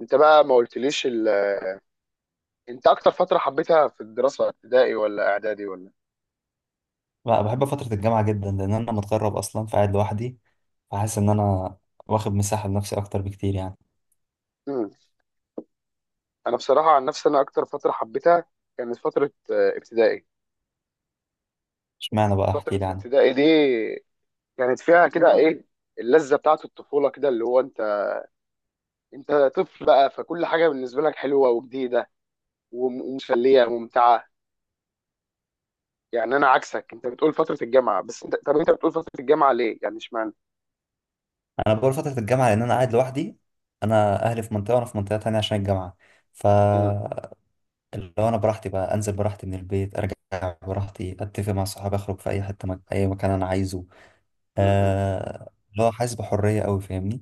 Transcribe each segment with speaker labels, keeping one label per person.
Speaker 1: انت بقى ما قلتليش انت اكتر فتره حبيتها في الدراسه، ابتدائي ولا اعدادي ولا؟
Speaker 2: لا، بحب فترة الجامعة جدا لأن أنا متغرب أصلا فقاعد لوحدي، فحاسس إن أنا واخد مساحة لنفسي أكتر بكتير يعني.
Speaker 1: امم انا بصراحه، عن نفسي، انا اكتر فتره حبيتها كانت فتره ابتدائي.
Speaker 2: اشمعنى بقى؟ أحكي
Speaker 1: فتره
Speaker 2: لي عنها.
Speaker 1: ابتدائي دي كانت فيها كده ايه؟ اللذه بتاعه الطفوله، كده اللي هو انت طفل بقى، فكل حاجه بالنسبه لك حلوه وجديده ومسليه وممتعه. يعني انا عكسك، انت بتقول فتره الجامعه، بس انت بتقول فتره الجامعه ليه يعني، اشمعنى؟
Speaker 2: أنا بقول فترة الجامعة لأن أنا قاعد لوحدي. أنا أهلي في منطقة وأنا في منطقة تانية عشان الجامعة. ف
Speaker 1: امم
Speaker 2: اللي هو أنا براحتي بقى أنزل براحتي من البيت، أرجع براحتي، أتفق مع صحابي، أخرج في أي مكان أنا عايزه.
Speaker 1: امم.
Speaker 2: اللي هو حاسس بحرية أوي، فاهمني؟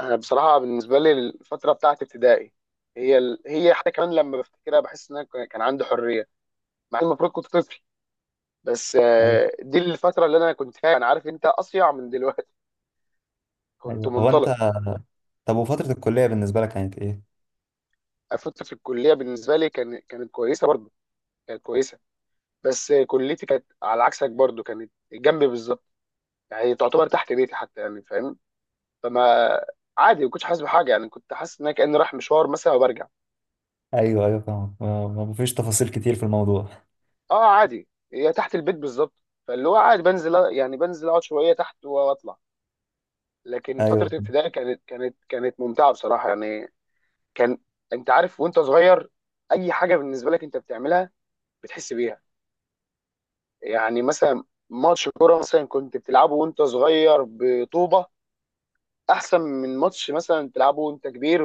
Speaker 1: انا بصراحه بالنسبه لي، الفتره بتاعت ابتدائي، هي حتى كمان لما بفتكرها بحس ان انا كان عندي حريه، مع إن المفروض كنت طفل، بس
Speaker 2: أيوه،
Speaker 1: آه، دي الفتره اللي انا كنت فيها، انا عارف انت اصيع من دلوقتي، كنت
Speaker 2: أيوه، هو أنت.
Speaker 1: منطلق.
Speaker 2: طب وفترة الكلية بالنسبة لك كانت إيه؟
Speaker 1: فتره في الكليه بالنسبه لي كانت كويسه برضو، كانت كويسه، بس كليتي كانت على عكسك، برضو كانت جنبي بالظبط، يعني تعتبر تحت بيتي حتى، يعني فاهم. فما، عادي، ما كنتش حاسس بحاجه، يعني كنت حاسس ان انا كاني رايح مشوار مثلا وبرجع.
Speaker 2: أيوه، أيوه، فاهم. ما فيش تفاصيل كتير في الموضوع.
Speaker 1: اه عادي، هي تحت البيت بالظبط، فاللي هو عادي بنزل، يعني اقعد شويه تحت واطلع. لكن
Speaker 2: ايوه،
Speaker 1: فتره ابتدائي كانت ممتعه بصراحه يعني. كان، انت عارف، وانت صغير اي حاجه بالنسبه لك انت بتعملها بتحس بيها. يعني مثلا ماتش كوره مثلا كنت بتلعبه وانت صغير بطوبه، احسن من ماتش مثلا بتلعبه وانت كبير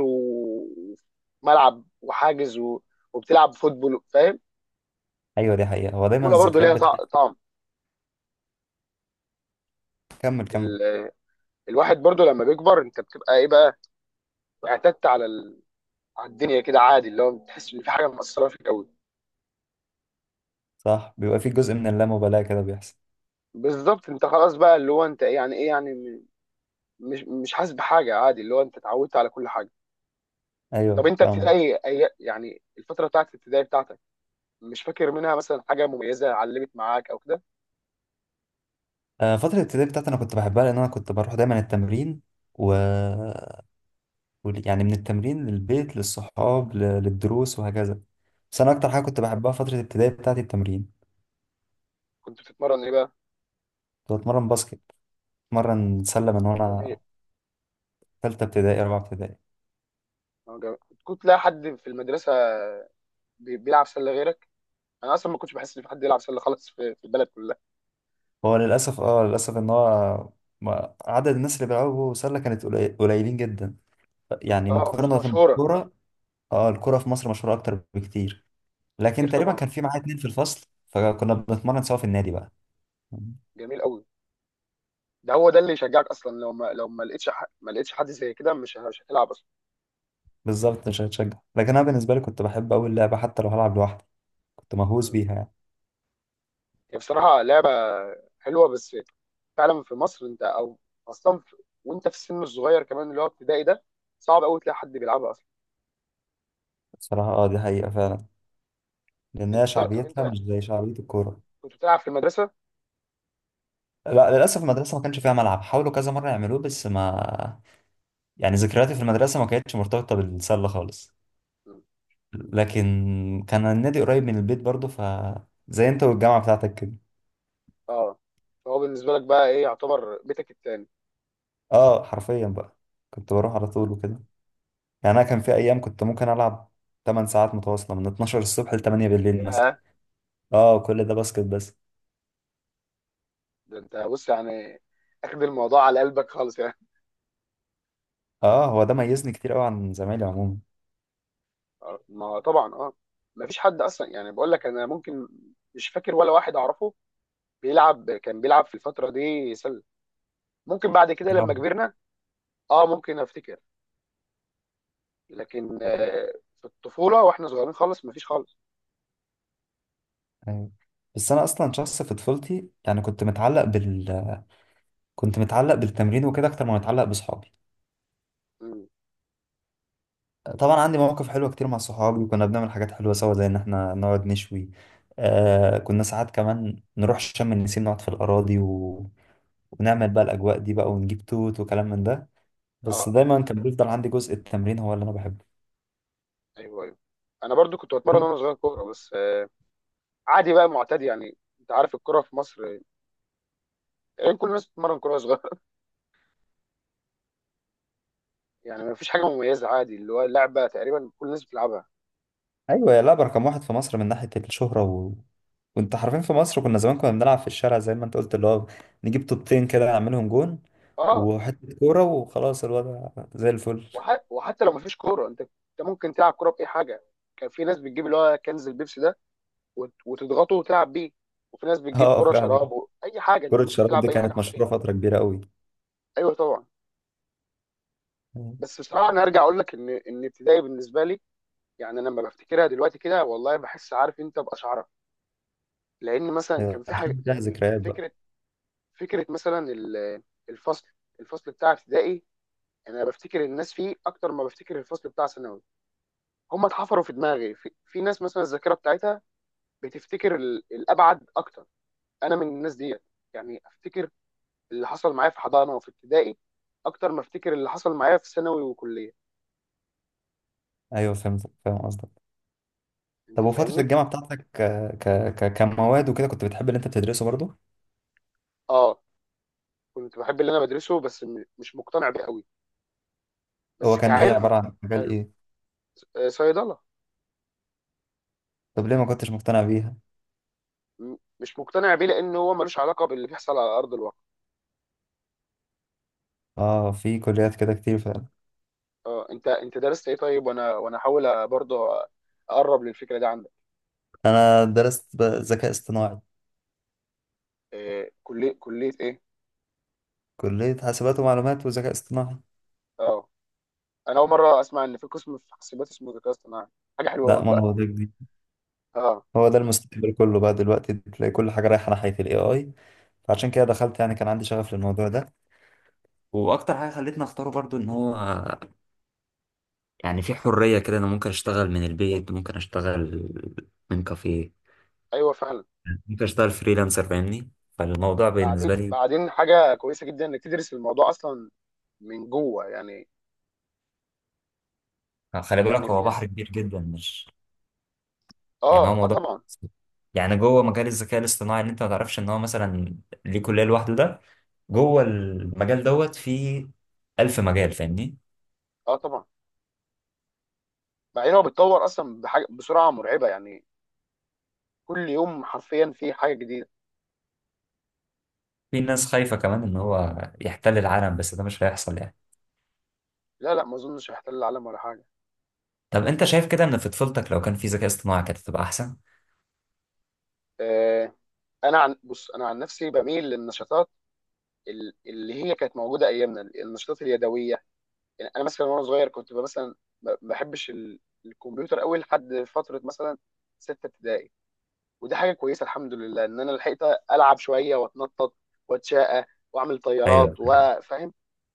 Speaker 1: وملعب وحاجز وبتلعب فوتبول، فاهم؟
Speaker 2: ايوه، دي حقيقة. هو دايما
Speaker 1: الكوره برضه
Speaker 2: الذكريات
Speaker 1: ليها
Speaker 2: بتاعتك.
Speaker 1: طعم.
Speaker 2: كمل، كمل.
Speaker 1: ال... الواحد برضه لما بيكبر انت بتبقى ايه بقى، واعتدت على الدنيا كده، عادي اللي هو بتحس ان في حاجه مأثره فيك قوي.
Speaker 2: صح، بيبقى في جزء من اللامبالاة كده بيحصل.
Speaker 1: بالظبط، انت خلاص بقى، اللي هو انت إيه يعني، ايه يعني، مش حاسس بحاجه، عادي، اللي هو انت اتعودت على كل حاجه. طب
Speaker 2: ايوه،
Speaker 1: انت
Speaker 2: فاهمك.
Speaker 1: ابتدائي، يعني الفتره بتاعت الابتدائي بتاعتك، مش فاكر منها مثلا حاجه مميزه علمت معاك او كده؟
Speaker 2: آه، فترة الابتدائي بتاعتي انا كنت بحبها لان انا كنت بروح دايما التمرين و يعني من التمرين للبيت للصحاب للدروس وهكذا. بس انا اكتر حاجة كنت بحبها فترة الابتدائي بتاعتي التمرين.
Speaker 1: كنت بتتمرن ايه بقى؟
Speaker 2: كنت بتمرن باسكت، بتمرن سلة من
Speaker 1: جميل.
Speaker 2: وانا تالتة ابتدائي، رابعة ابتدائي.
Speaker 1: اه جميل. كنت تلاقي حد في المدرسه بيلعب سله غيرك؟ انا اصلا ما كنتش بحس ان في حد يلعب سله خالص في البلد كلها.
Speaker 2: هو للاسف ان هو عدد الناس اللي بيلعبوا سلة كانت قليلين جدا. يعني
Speaker 1: اه، مش
Speaker 2: مقارنة
Speaker 1: مشهوره.
Speaker 2: بالكورة. اه، الكرة في مصر مشهورة أكتر بكتير. لكن
Speaker 1: كتير
Speaker 2: تقريبا
Speaker 1: طبعا،
Speaker 2: كان
Speaker 1: اه.
Speaker 2: في معايا اتنين في الفصل، فكنا بنتمرن سوا في النادي بقى.
Speaker 1: جميل قوي. ده هو ده اللي يشجعك اصلا، لو ما لو ما لقيتش ح- ما لقيتش حد زي كده، مش هتلعب اصلا.
Speaker 2: بالظبط، مش هتشجع، لكن أنا بالنسبة لي كنت بحب أوي اللعبة حتى لو هلعب لوحدي. كنت مهووس
Speaker 1: مم.
Speaker 2: بيها يعني.
Speaker 1: هي بصراحه لعبه حلوه، بس فعلا في مصر، انت او اصلا وانت في السن الصغير كمان، اللي هو ابتدائي ده، صعب قوي تلاقي حد بيلعبها اصلا.
Speaker 2: بصراحة، دي حقيقة فعلا. لأن هي
Speaker 1: انت طب طب
Speaker 2: شعبيتها
Speaker 1: انت
Speaker 2: مش زي شعبية
Speaker 1: كنت،
Speaker 2: الكورة.
Speaker 1: كنت بتلعب في المدرسه؟
Speaker 2: لا، للأسف المدرسة ما كانش فيها ملعب، حاولوا كذا مرة يعملوه بس ما يعني ذكرياتي في المدرسة ما كانتش مرتبطة بالسلة خالص.
Speaker 1: مم.
Speaker 2: لكن كان النادي قريب من البيت برضه، زي انت والجامعة بتاعتك كده.
Speaker 1: اه، فهو بالنسبه لك بقى ايه، يعتبر بيتك التاني؟
Speaker 2: اه، حرفيا بقى كنت بروح على طول
Speaker 1: آه.
Speaker 2: وكده. يعني انا كان في ايام كنت ممكن العب 8 ساعات متواصله من 12 الصبح ل 8 بالليل مثلا.
Speaker 1: ياه،
Speaker 2: اه، كل ده باسكت بس.
Speaker 1: ده انت بص يعني، اخد الموضوع على قلبك خالص يعني.
Speaker 2: اه، هو ده ميزني كتير قوي عن زمايلي عموما.
Speaker 1: آه. ما طبعا اه، ما فيش حد اصلا، يعني بقول لك، انا ممكن، مش فاكر ولا واحد اعرفه كان بيلعب في الفتره دي سله. ممكن بعد كده لما
Speaker 2: اه،
Speaker 1: كبرنا، اه ممكن افتكر، لكن في الطفوله واحنا صغيرين خالص مفيش خالص.
Speaker 2: أيوة. بس انا اصلا شخص في طفولتي يعني كنت متعلق بالتمرين وكده اكتر ما متعلق باصحابي.
Speaker 1: مم.
Speaker 2: طبعا عندي مواقف حلوه كتير مع صحابي، وكنا بنعمل حاجات حلوه سوا زي ان احنا نقعد نشوي. كنا ساعات كمان نروح شم النسيم نقعد في الاراضي، ونعمل بقى الاجواء دي بقى، ونجيب توت وكلام من ده. بس
Speaker 1: اه،
Speaker 2: دايما كان بيفضل عندي جزء التمرين هو اللي انا بحبه.
Speaker 1: ايوه ايوه، انا برضو كنت بتمرن وانا صغير كوره، بس عادي بقى، معتاد، يعني انت عارف الكوره في مصر، يعني كل الناس بتتمرن كوره صغيره يعني مفيش حاجه مميزه، عادي، اللي هو لعبه تقريبا كل الناس بتلعبها.
Speaker 2: ايوه، يا لعبه رقم واحد في مصر من ناحيه الشهره، وانت حرفيا في مصر، كنا زمان بنلعب في الشارع زي ما انت قلت، اللي هو نجيب طوبتين كده نعملهم جون،
Speaker 1: اه.
Speaker 2: وحته كوره وخلاص، الوضع زي الفل.
Speaker 1: وحتى لو مفيش كوره، انت ممكن تلعب كوره باي حاجه. كان في ناس بتجيب اللي هو كنز البيبسي ده وتضغطه وتلعب بيه. وفي ناس بتجيب
Speaker 2: اه،
Speaker 1: كرة
Speaker 2: فعلا.
Speaker 1: شراب اي حاجه، انت
Speaker 2: كره
Speaker 1: ممكن
Speaker 2: الشراب
Speaker 1: تلعب
Speaker 2: دي
Speaker 1: باي حاجه
Speaker 2: كانت
Speaker 1: حرفيا.
Speaker 2: مشهوره فتره كبيره قوي.
Speaker 1: ايوه طبعا.
Speaker 2: مم.
Speaker 1: بس بصراحه انا ارجع اقول لك ان ابتدائي بالنسبه لي، يعني انا لما بفتكرها دلوقتي كده، والله بحس، عارف انت باشعرك، لان مثلا
Speaker 2: ايوه،
Speaker 1: كان في حاجه،
Speaker 2: عشان فيها
Speaker 1: يعني
Speaker 2: ذكريات بقى.
Speaker 1: فكره، فكره مثلا الفصل الفصل بتاع ابتدائي، يعني انا بفتكر الناس فيه اكتر ما بفتكر الفصل بتاع ثانوي. هم اتحفروا في دماغي، في ناس مثلا الذاكره بتاعتها بتفتكر الابعد اكتر، انا من الناس دي. يعني افتكر اللي حصل معايا في حضانه وفي ابتدائي اكتر ما افتكر اللي حصل معايا في ثانوي وكليه.
Speaker 2: ايوه، فهمت، فاهم قصدك. طب
Speaker 1: انت
Speaker 2: وفتره
Speaker 1: فاهمني.
Speaker 2: الجامعه بتاعتك، ك... كمواد وكده كنت بتحب اللي انت بتدرسه برضه؟
Speaker 1: اه، كنت بحب اللي انا بدرسه بس مش مقتنع بيه قوي،
Speaker 2: هو
Speaker 1: بس
Speaker 2: كان ايه، عباره
Speaker 1: كعلم.
Speaker 2: عن مجال
Speaker 1: حلو.
Speaker 2: ايه؟
Speaker 1: آه، صيدله.
Speaker 2: طب ليه ما كنتش مقتنع بيها؟
Speaker 1: مش مقتنع بيه لان هو ملوش علاقه باللي بيحصل على ارض الواقع.
Speaker 2: اه، في كليات كده كتير فعلا.
Speaker 1: اه، انت درست ايه طيب؟ وانا احاول برضه اقرب للفكره دي عندك.
Speaker 2: انا درست ذكاء اصطناعي.
Speaker 1: آه، كليه ايه؟
Speaker 2: كلية حاسبات ومعلومات وذكاء اصطناعي.
Speaker 1: اه، انا اول مره اسمع ان في قسم في حاسبات اسمه ذكاء اصطناعي، حاجه حلوه
Speaker 2: لا،
Speaker 1: والله.
Speaker 2: ما هو ده جديد.
Speaker 1: اه.
Speaker 2: هو ده المستقبل كله، بقى دلوقتي تلاقي كل حاجة رايحة ناحية الاي اي. فعشان كده دخلت، يعني كان عندي شغف للموضوع ده. واكتر حاجه خلتني اختاره برضو ان هو يعني في حريه كده، انا ممكن اشتغل من البيت، ممكن اشتغل من كافيه.
Speaker 1: ايوه فعلا.
Speaker 2: ممكن اشتغل فريلانسر، فاهمني، فالموضوع بالنسبه
Speaker 1: بعدين
Speaker 2: لي.
Speaker 1: بعدين حاجه كويسه جدا انك تدرس الموضوع اصلا من جوه يعني.
Speaker 2: خلي بالك
Speaker 1: يعني في
Speaker 2: هو بحر
Speaker 1: ناس،
Speaker 2: كبير جدا، مش يعني.
Speaker 1: اه
Speaker 2: هو
Speaker 1: اه
Speaker 2: موضوع
Speaker 1: طبعا.
Speaker 2: يعني، جوه مجال الذكاء الاصطناعي اللي انت ما تعرفش ان هو مثلا ليه كلية لوحده ده. جوه المجال دوت في ألف مجال، فاهمني.
Speaker 1: اه طبعا، بعدين هو بيتطور اصلا بحاجه بسرعه مرعبه يعني، كل يوم حرفيا في حاجه جديده.
Speaker 2: في ناس خايفة كمان ان هو يحتل العالم، بس ده مش هيحصل يعني.
Speaker 1: لا لا، ما اظنش هيحتل العالم ولا حاجه.
Speaker 2: طب انت شايف كده ان في طفولتك لو كان في ذكاء اصطناعي كانت هتبقى احسن؟
Speaker 1: آه انا عن نفسي بميل للنشاطات اللي هي كانت موجوده ايامنا، النشاطات اليدويه. يعني انا مثلا وانا صغير كنت مثلا ما بحبش الكمبيوتر قوي، لحد فتره مثلا سته ابتدائي. ودي حاجه كويسه، الحمد لله ان انا لحقت العب شويه، واتنطط، واتشقى، واعمل
Speaker 2: ايوه،
Speaker 1: طيارات وفاهم.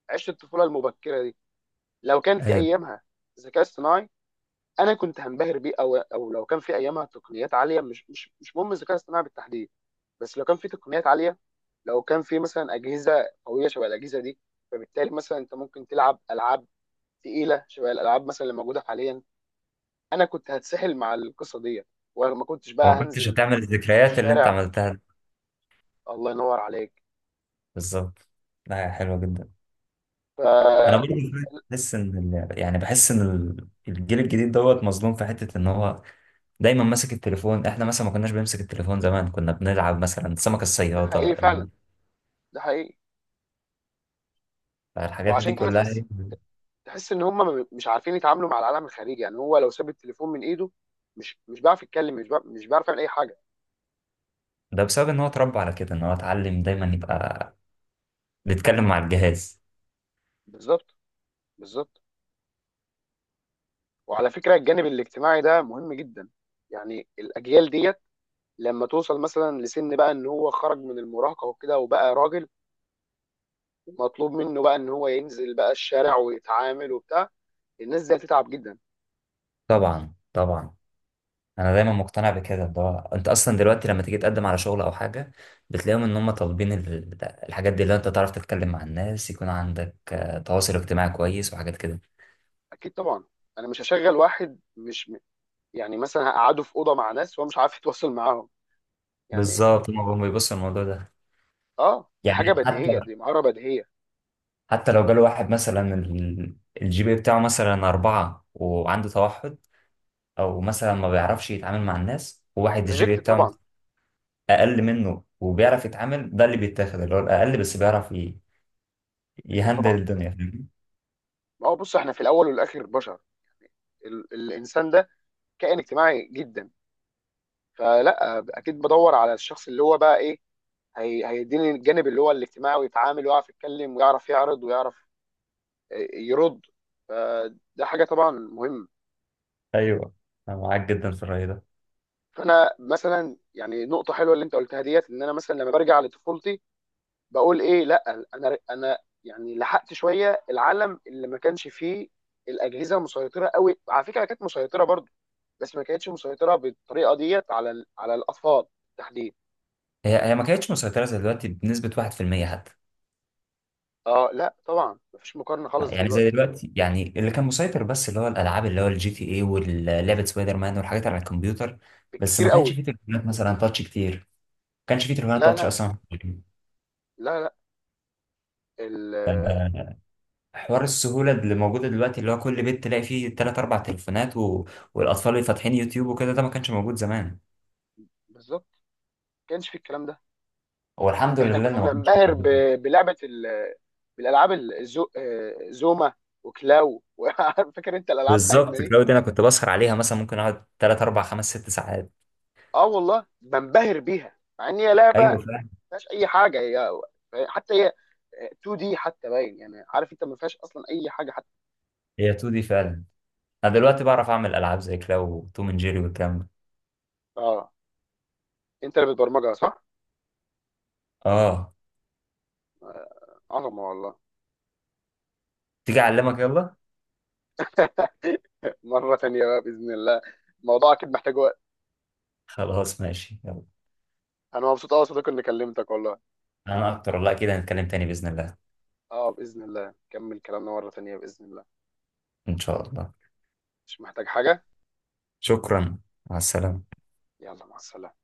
Speaker 1: عشت الطفوله المبكره دي. لو كان في
Speaker 2: ايوه،
Speaker 1: ايامها الذكاء الصناعي، انا كنت هنبهر بيه، او او لو كان في ايامها تقنيات عاليه، مش مهم الذكاء الصناعي بالتحديد، بس لو كان في تقنيات عاليه، لو كان في مثلا اجهزه قويه شبه الاجهزه دي، فبالتالي مثلا انت ممكن تلعب العاب تقيله شبه الالعاب مثلا اللي موجوده حاليا، انا كنت هتسحل مع القصه دي، وما كنتش
Speaker 2: وما
Speaker 1: بقى
Speaker 2: كنتش
Speaker 1: هنزل
Speaker 2: هتعمل الذكريات اللي انت
Speaker 1: الشارع.
Speaker 2: عملتها دي.
Speaker 1: الله ينور عليك.
Speaker 2: بالظبط. لا، يا حلوة جدا. انا
Speaker 1: ف
Speaker 2: برضه بحس ان يعني بحس ان الجيل الجديد دوت مظلوم في حتة ان هو دايما ماسك التليفون. احنا مثلا ما كناش بنمسك التليفون. زمان كنا بنلعب مثلا سمك
Speaker 1: ده حقيقي
Speaker 2: الصيادة،
Speaker 1: فعلا، ده حقيقي.
Speaker 2: الحاجات دي
Speaker 1: وعشان كده
Speaker 2: كلها.
Speaker 1: تحس، تحس ان هم مش عارفين يتعاملوا مع العالم الخارجي، يعني هو لو ساب التليفون من ايده، مش بيعرف يتكلم، مش بيعرف، مش بيعرف يعمل اي حاجه.
Speaker 2: ده بسبب ان هو اتربى على كده، ان هو اتعلم دايما يبقى بيتكلم مع الجهاز.
Speaker 1: بالظبط. بالظبط. وعلى فكره، الجانب الاجتماعي ده مهم جدا، يعني الاجيال ديت لما توصل مثلا لسن بقى ان هو خرج من المراهقه وكده وبقى راجل، مطلوب منه بقى ان هو ينزل بقى الشارع ويتعامل وبتاع، الناس دي هتتعب جدا.
Speaker 2: طبعا، طبعا. انا دايما مقتنع بكده، ده انت اصلا دلوقتي لما تيجي تقدم على شغل او حاجة بتلاقيهم ان هم طالبين الحاجات دي، اللي انت تعرف تتكلم مع الناس، يكون عندك تواصل اجتماعي كويس وحاجات كده.
Speaker 1: اكيد طبعا، انا مش هشغل واحد مش، يعني مثلا هقعدوا في اوضه مع ناس وهو مش عارف يتواصل معاهم يعني.
Speaker 2: بالظبط، هم بيبصوا الموضوع ده.
Speaker 1: اه، دي حاجه
Speaker 2: يعني حتى
Speaker 1: بديهيه، دي مهاره بديهيه.
Speaker 2: حتى لو جاله واحد مثلا الجي بي إيه بتاعه مثلا أربعة وعنده توحد. أو مثلا ما بيعرفش يتعامل مع الناس، وواحد الجي بي إيه
Speaker 1: ريجكت
Speaker 2: بتاعه
Speaker 1: طبعا.
Speaker 2: أقل منه وبيعرف يتعامل، ده اللي بيتاخد، اللي هو الأقل بس بيعرف
Speaker 1: اكيد
Speaker 2: يهندل
Speaker 1: طبعا.
Speaker 2: الدنيا، فاهمني؟
Speaker 1: ما هو بص، احنا في الاول والاخر بشر، الانسان ده كائن اجتماعي جدا، فلا اكيد بدور على الشخص اللي هو بقى ايه، هي هيديني الجانب اللي هو الاجتماعي، ويتعامل ويعرف يتكلم ويعرف يعرض ويعرف يرد. فده حاجه طبعا مهمه.
Speaker 2: أيوه، أنا معاك جدا في الرأي ده.
Speaker 1: فانا مثلا، يعني نقطه حلوه اللي انت قلتها ديت، ان انا مثلا لما برجع لطفولتي، بقول ايه لا، انا يعني لحقت شويه العالم اللي ما كانش فيه الاجهزه مسيطره قوي، على فكره كانت مسيطره برضو، بس ما كانتش مسيطره بالطريقه ديت على على الاطفال بالتحديد.
Speaker 2: هي ما كانتش مسيطرة زي دلوقتي بنسبة 1% حتى.
Speaker 1: اه لا طبعا، ما فيش مقارنه خالص
Speaker 2: يعني زي
Speaker 1: دلوقتي.
Speaker 2: دلوقتي، يعني اللي كان مسيطر بس اللي هو الألعاب، اللي هو الجي تي إيه واللعبة سبايدر مان والحاجات على الكمبيوتر. بس
Speaker 1: بالكتير
Speaker 2: ما كانش
Speaker 1: قوي.
Speaker 2: فيه تليفونات مثلا تاتش كتير، ما كانش فيه تليفونات
Speaker 1: لا
Speaker 2: تاتش
Speaker 1: لا.
Speaker 2: أصلا.
Speaker 1: لا لا. ال-
Speaker 2: آه، حوار السهولة اللي موجودة دلوقتي اللي هو كل بيت تلاقي فيه تلات أربع تليفونات، والأطفال اللي فاتحين يوتيوب وكده ده ما كانش موجود زمان.
Speaker 1: بالظبط، ما كانش في الكلام ده.
Speaker 2: هو الحمد
Speaker 1: احنا
Speaker 2: لله
Speaker 1: كنا
Speaker 2: إنه ما كانش
Speaker 1: بننبهر
Speaker 2: موجود.
Speaker 1: بلعبه بالالعاب، الزو آه، زوما وكلاو فاكر انت الالعاب بتاعتنا
Speaker 2: بالظبط،
Speaker 1: دي؟
Speaker 2: كلاود دي أنا كنت بسهر عليها، مثلا ممكن أقعد تلات أربع خمس ست ساعات.
Speaker 1: اه والله بنبهر بيها، مع ان هي لعبه
Speaker 2: أيوه، فعلا.
Speaker 1: فيهاش اي حاجه، هي حتى هي 2 دي حتى باين، يعني عارف انت ما فيهاش اصلا اي حاجه حتى.
Speaker 2: هي 2 دي فعلا. أنا دلوقتي بعرف أعمل ألعاب زي كلاو وتوم أند جيري والكلام ده.
Speaker 1: اه، انت اللي بتبرمجها صح؟
Speaker 2: آه.
Speaker 1: عظمه والله.
Speaker 2: تيجي أعلمك يلا.
Speaker 1: مره تانيه بقى باذن الله، الموضوع اكيد محتاج وقت.
Speaker 2: خلاص، ماشي، يلا.
Speaker 1: انا مبسوط قوي يا صديقي اني كلمتك والله.
Speaker 2: أنا أكتر والله، كده هنتكلم تاني بإذن الله.
Speaker 1: اه باذن الله نكمل كلامنا مره تانيه باذن الله.
Speaker 2: إن شاء الله.
Speaker 1: مش محتاج حاجه.
Speaker 2: شكرا. مع السلامة.
Speaker 1: يلا مع السلامه.